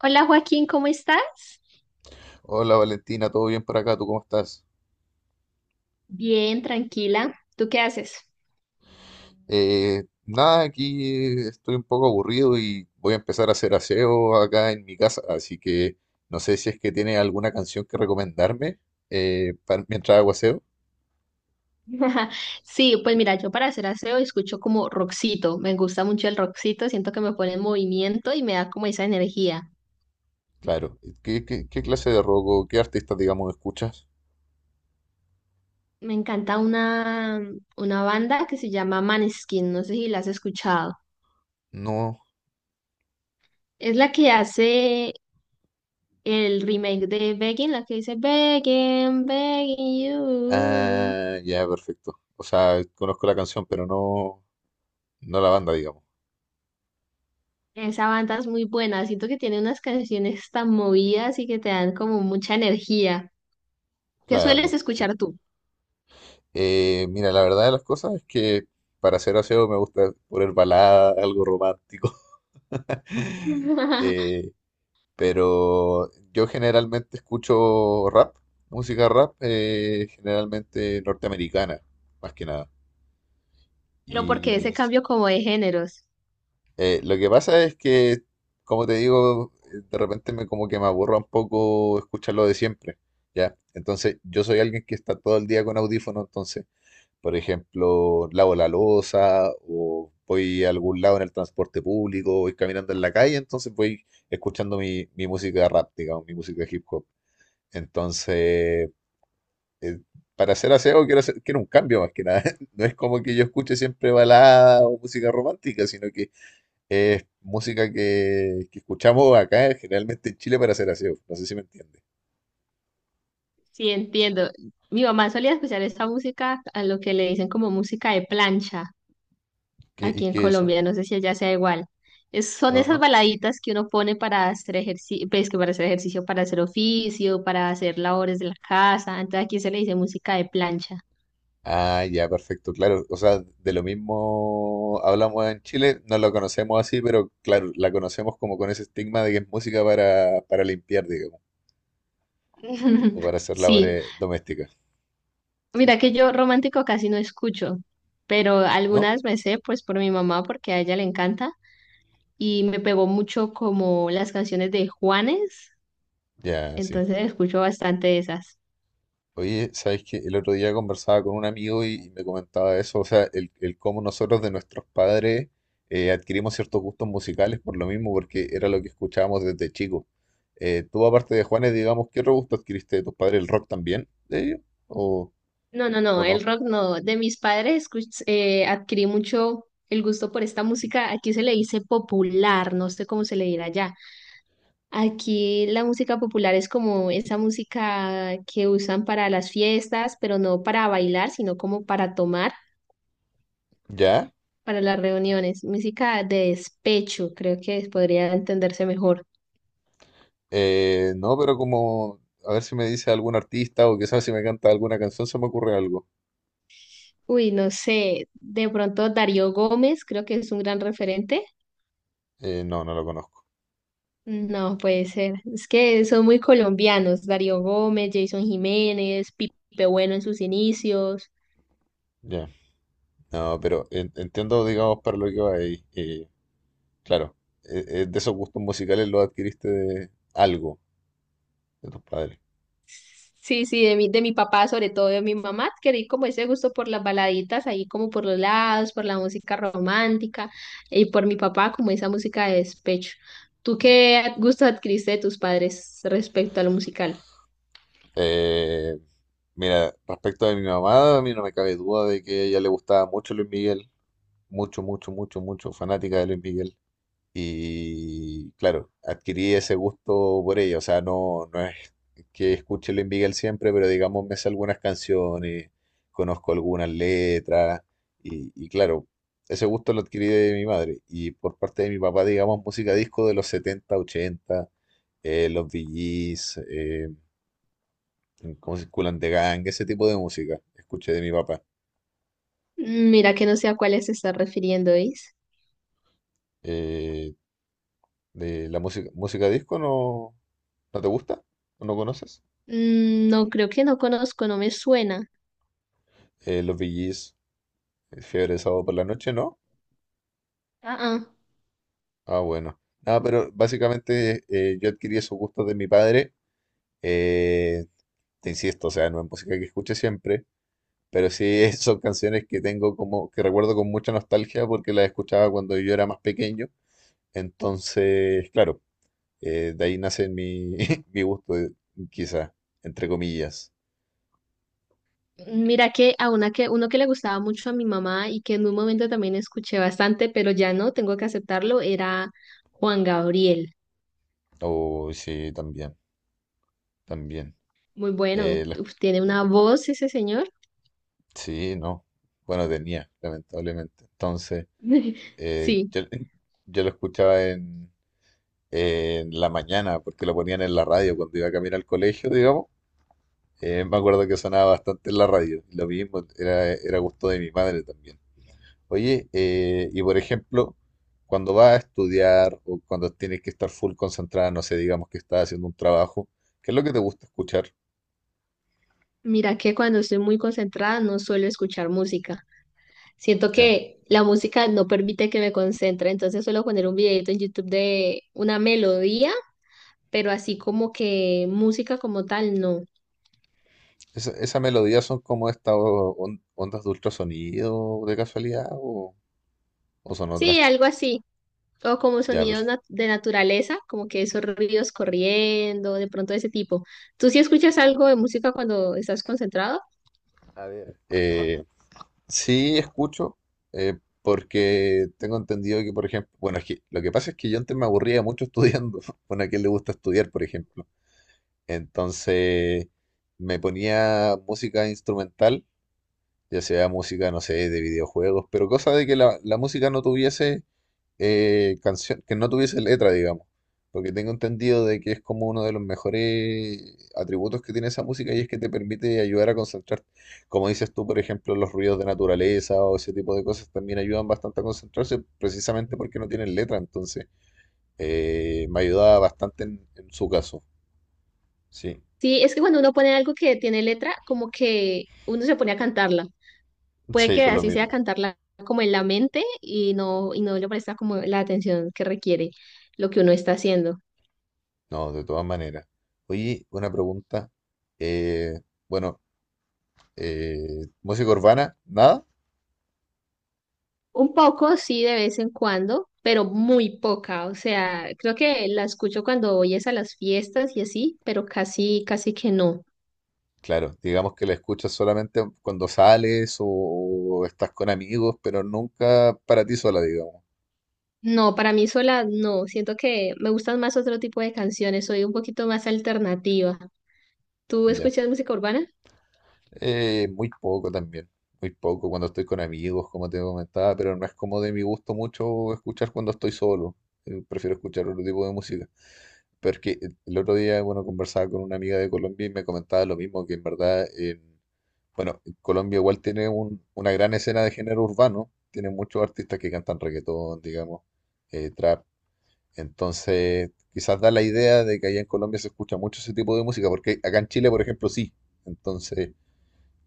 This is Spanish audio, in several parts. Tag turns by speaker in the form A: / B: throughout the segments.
A: Hola Joaquín, ¿cómo estás?
B: Hola Valentina, ¿todo bien por acá? ¿Tú cómo estás?
A: Bien, tranquila. ¿Tú qué haces?
B: Nada, aquí estoy un poco aburrido y voy a empezar a hacer aseo acá en mi casa, así que no sé si es que tiene alguna canción que recomendarme mientras hago aseo.
A: Sí, pues mira, yo para hacer aseo escucho como rockcito. Me gusta mucho el rockcito, siento que me pone en movimiento y me da como esa energía.
B: Claro, ¿qué clase de rock o qué artista, digamos, escuchas?
A: Me encanta una banda que se llama Maneskin, no sé si la has escuchado.
B: No.
A: Es la que hace el remake de Begging, la que dice Begging, Begging You.
B: Ah, ya, perfecto. O sea, conozco la canción, pero no la banda, digamos.
A: Esa banda es muy buena, siento que tiene unas canciones tan movidas y que te dan como mucha energía. ¿Qué sueles
B: Claro.
A: escuchar tú?
B: Mira, la verdad de las cosas es que para hacer aseo me gusta poner balada, algo romántico. Eh, pero yo generalmente escucho rap, música rap, generalmente norteamericana, más que nada.
A: ¿Pero porque
B: Y
A: ese cambio como de géneros?
B: lo que pasa es que, como te digo, de repente me como que me aburro un poco escuchar lo de siempre, ¿ya? Entonces, yo soy alguien que está todo el día con audífono. Entonces, por ejemplo, lavo la loza o voy a algún lado en el transporte público, voy caminando en la calle, entonces voy escuchando mi música rap, digamos, mi música hip hop. Entonces, eh, para hacer aseo quiero un cambio más que nada. No es como que yo escuche siempre balada o música romántica, sino que es música que escuchamos acá generalmente en Chile para hacer aseo. No sé si me entiende.
A: Sí, entiendo. Mi mamá solía escuchar esta música, a lo que le dicen como música de plancha
B: ¿Y
A: aquí en
B: qué es eso?
A: Colombia, no sé si allá sea igual. Son
B: No,
A: esas
B: no.
A: baladitas que uno pone para hacer ejercicio, pues que para hacer ejercicio, para hacer oficio, para hacer labores de la casa. Entonces aquí se le dice música de plancha.
B: Ah, ya, perfecto, claro. O sea, de lo mismo hablamos en Chile, no lo conocemos así, pero claro, la conocemos como con ese estigma de que es música para limpiar, digamos, o para hacer
A: Sí,
B: labores domésticas. Sí,
A: mira que yo romántico casi no escucho, pero
B: ¿no?
A: algunas me sé pues por mi mamá porque a ella le encanta. Y me pegó mucho como las canciones de Juanes,
B: Ya, sí.
A: entonces escucho bastante de esas.
B: Oye, ¿sabes qué? El otro día conversaba con un amigo y me comentaba eso, o sea, el cómo nosotros de nuestros padres adquirimos ciertos gustos musicales por lo mismo, porque era lo que escuchábamos desde chico. Aparte de Juanes, digamos, ¿qué otro gusto adquiriste de tus padres? ¿El rock también de ellos? ¿O...?
A: No, no,
B: ¿O
A: no, el
B: no?
A: rock no. De mis padres adquirí mucho el gusto por esta música. Aquí se le dice popular, no sé cómo se le dirá allá. Aquí la música popular es como esa música que usan para las fiestas, pero no para bailar, sino como para tomar,
B: ¿Ya?
A: para las reuniones. Música de despecho, creo que podría entenderse mejor.
B: No, pero como, a ver si me dice algún artista o quizás si me canta alguna canción se me ocurre algo.
A: Uy, no sé, de pronto Darío Gómez, creo que es un gran referente.
B: No lo conozco.
A: No puede ser, es que son muy colombianos, Darío Gómez, Jason Jiménez, Pipe Bueno en sus inicios.
B: Ya. No, pero entiendo, digamos, para lo que va ahí. Claro, de esos gustos musicales lo adquiriste de algo de tus padres.
A: Sí, sí, de mi papá, sobre todo de mi mamá, adquirí como ese gusto por las baladitas, ahí como por los lados, por la música romántica, y por mi papá como esa música de despecho. ¿Tú qué gusto adquiriste de tus padres respecto a lo musical?
B: Eh, Mira, respecto de mi mamá, a mí no me cabe duda de que a ella le gustaba mucho Luis Miguel. Mucho, mucho, mucho, mucho fanática de Luis Miguel. Y claro, adquirí ese gusto por ella. O sea, no es que escuche Luis Miguel siempre, pero digamos me sé algunas canciones, conozco algunas letras. Y claro, ese gusto lo adquirí de mi madre. Y por parte de mi papá, digamos, música disco de los 70 ochenta, los VGs, como circulan de Gang, ese tipo de música escuché de mi papá.
A: Mm, mira que no sé a cuáles se está refiriendo, ¿eh?
B: Eh, de la música, música disco, no, ¿no te gusta? ¿O no conoces?
A: Mm, no, creo que no conozco, no me suena.
B: Los VGs. Fiebre de sábado por la noche, ¿no?
A: Ah, ah.
B: Ah, bueno. Ah, pero básicamente yo adquirí esos gustos de mi padre. eh, Te insisto, o sea, no es música que escuche siempre, pero sí son canciones que tengo como, que recuerdo con mucha nostalgia porque las escuchaba cuando yo era más pequeño. Entonces, claro, de ahí nace mi, mi gusto, quizá, entre comillas.
A: Mira que a una que, uno que le gustaba mucho a mi mamá y que en un momento también escuché bastante, pero ya no, tengo que aceptarlo, era Juan Gabriel.
B: Oh, sí, también, también.
A: Muy bueno.
B: Eh, la escu-
A: Uf, tiene una voz ese señor.
B: sí, no. Bueno, tenía, lamentablemente. Entonces.
A: Sí,
B: Yo, yo lo escuchaba en la mañana, porque lo ponían en la radio cuando iba a caminar al colegio, digamos. Me acuerdo que sonaba bastante en la radio. Lo mismo, era gusto de mi madre también. Oye, y por ejemplo, cuando vas a estudiar o cuando tienes que estar full concentrada, no sé, digamos que estás haciendo un trabajo, ¿qué es lo que te gusta escuchar?
A: mira que cuando estoy muy concentrada no suelo escuchar música. Siento
B: ¿Ya?
A: que la música no permite que me concentre, entonces suelo poner un videito en YouTube de una melodía, pero así como que música como tal, no.
B: Esa melodía son como estas ondas de ultrasonido de casualidad o son otras?
A: Sí, algo así. O como
B: Ya,
A: sonidos
B: perfecto.
A: de naturaleza, como que esos ríos corriendo, de pronto ese tipo. ¿Tú sí escuchas algo de música cuando estás concentrado?
B: A ver, sí, escucho, porque tengo entendido que, por ejemplo, bueno, es que lo que pasa es que yo antes me aburría mucho estudiando, bueno, a quien le gusta estudiar, por ejemplo. Entonces me ponía música instrumental, ya sea música, no sé, de videojuegos, pero cosa de que la música no tuviese canción, que no tuviese letra, digamos, porque tengo entendido de que es como uno de los mejores atributos que tiene esa música y es que te permite ayudar a concentrarte. Como dices tú, por ejemplo, los ruidos de naturaleza o ese tipo de cosas también ayudan bastante a concentrarse precisamente porque no tienen letra. Entonces me ayudaba bastante en su caso. Sí,
A: Sí, es que cuando uno pone algo que tiene letra, como que uno se pone a cantarla. Puede
B: sí,
A: que
B: por lo
A: así sea
B: mismo.
A: cantarla como en la mente y no le presta como la atención que requiere lo que uno está haciendo.
B: No, de todas maneras. Oye, una pregunta. Eh, bueno, eh, Música urbana, nada.
A: Un poco, sí, de vez en cuando, pero muy poca. O sea, creo que la escucho cuando voy es a las fiestas y así, pero casi, casi que no.
B: Claro, digamos que la escuchas solamente cuando sales o estás con amigos, pero nunca para ti sola, digamos.
A: No, para mí sola no. Siento que me gustan más otro tipo de canciones. Soy un poquito más alternativa. ¿Tú
B: Ya.
A: escuchas música urbana?
B: Muy poco también. Muy poco cuando estoy con amigos, como te comentaba, pero no es como de mi gusto mucho escuchar cuando estoy solo. Prefiero escuchar otro tipo de música. Pero es que el otro día, bueno, conversaba con una amiga de Colombia y me comentaba lo mismo, que en verdad... en Bueno, Colombia igual una gran escena de género urbano, tiene muchos artistas que cantan reggaetón, digamos, trap, entonces quizás da la idea de que allá en Colombia se escucha mucho ese tipo de música, porque acá en Chile, por ejemplo, sí, entonces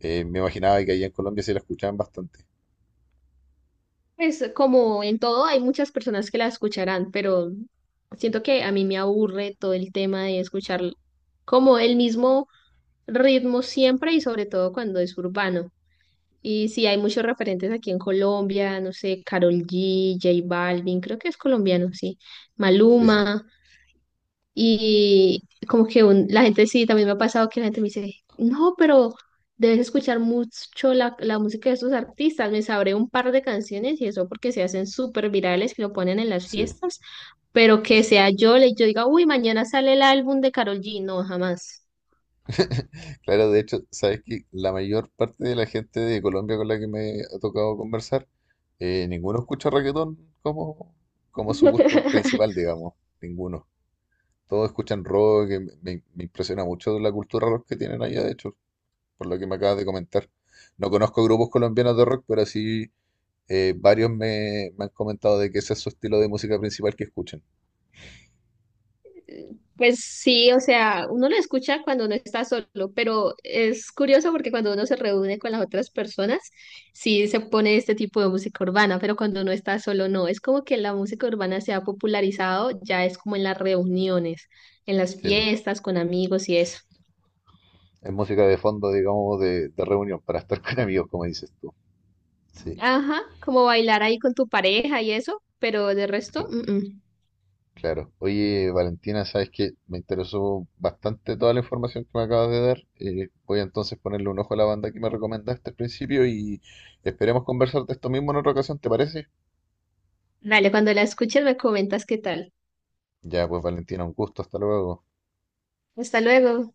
B: me imaginaba que allá en Colombia se la escuchaban bastante.
A: Pues como en todo, hay muchas personas que la escucharán, pero siento que a mí me aburre todo el tema de escuchar como el mismo ritmo siempre y sobre todo cuando es urbano. Y sí, hay muchos referentes aquí en Colombia, no sé, Karol G, J Balvin, creo que es colombiano, sí.
B: Sí, sí,
A: Maluma. Y como que la gente sí, también me ha pasado que la gente me dice, no, pero debes escuchar mucho la música de estos artistas, me sabré un par de canciones y eso porque se hacen súper virales, que lo ponen en las
B: sí,
A: fiestas, pero
B: sí,
A: que
B: sí.
A: sea yo, le, yo diga, uy, mañana sale el álbum de Karol G, no, jamás.
B: Claro, de hecho, sabes que la mayor parte de la gente de Colombia con la que me ha tocado conversar, ninguno escucha reggaetón como, como su gusto principal, digamos, ninguno. Todos escuchan rock, que me impresiona mucho la cultura rock que tienen allá, de hecho, por lo que me acabas de comentar. No conozco grupos colombianos de rock, pero sí varios me han comentado de que ese es su estilo de música principal que escuchan.
A: Pues sí, o sea, uno lo escucha cuando uno está solo, pero es curioso porque cuando uno se reúne con las otras personas, sí se pone este tipo de música urbana, pero cuando uno está solo no. Es como que la música urbana se ha popularizado, ya es como en las reuniones, en las
B: Sí,
A: fiestas con amigos y eso.
B: es música de fondo, digamos, de reunión, para estar con amigos, como dices tú. Sí,
A: Ajá, como bailar ahí con tu pareja y eso, pero de resto,
B: cl-
A: mm, mm.
B: claro. Oye, Valentina, sabes que me interesó bastante toda la información que me acabas de dar. Voy a entonces ponerle un ojo a la banda que me recomendaste al principio y esperemos conversar de esto mismo en otra ocasión, ¿te parece?
A: Dale, cuando la escuches me comentas qué tal.
B: Ya, pues Valentina, un gusto, hasta luego.
A: Hasta luego.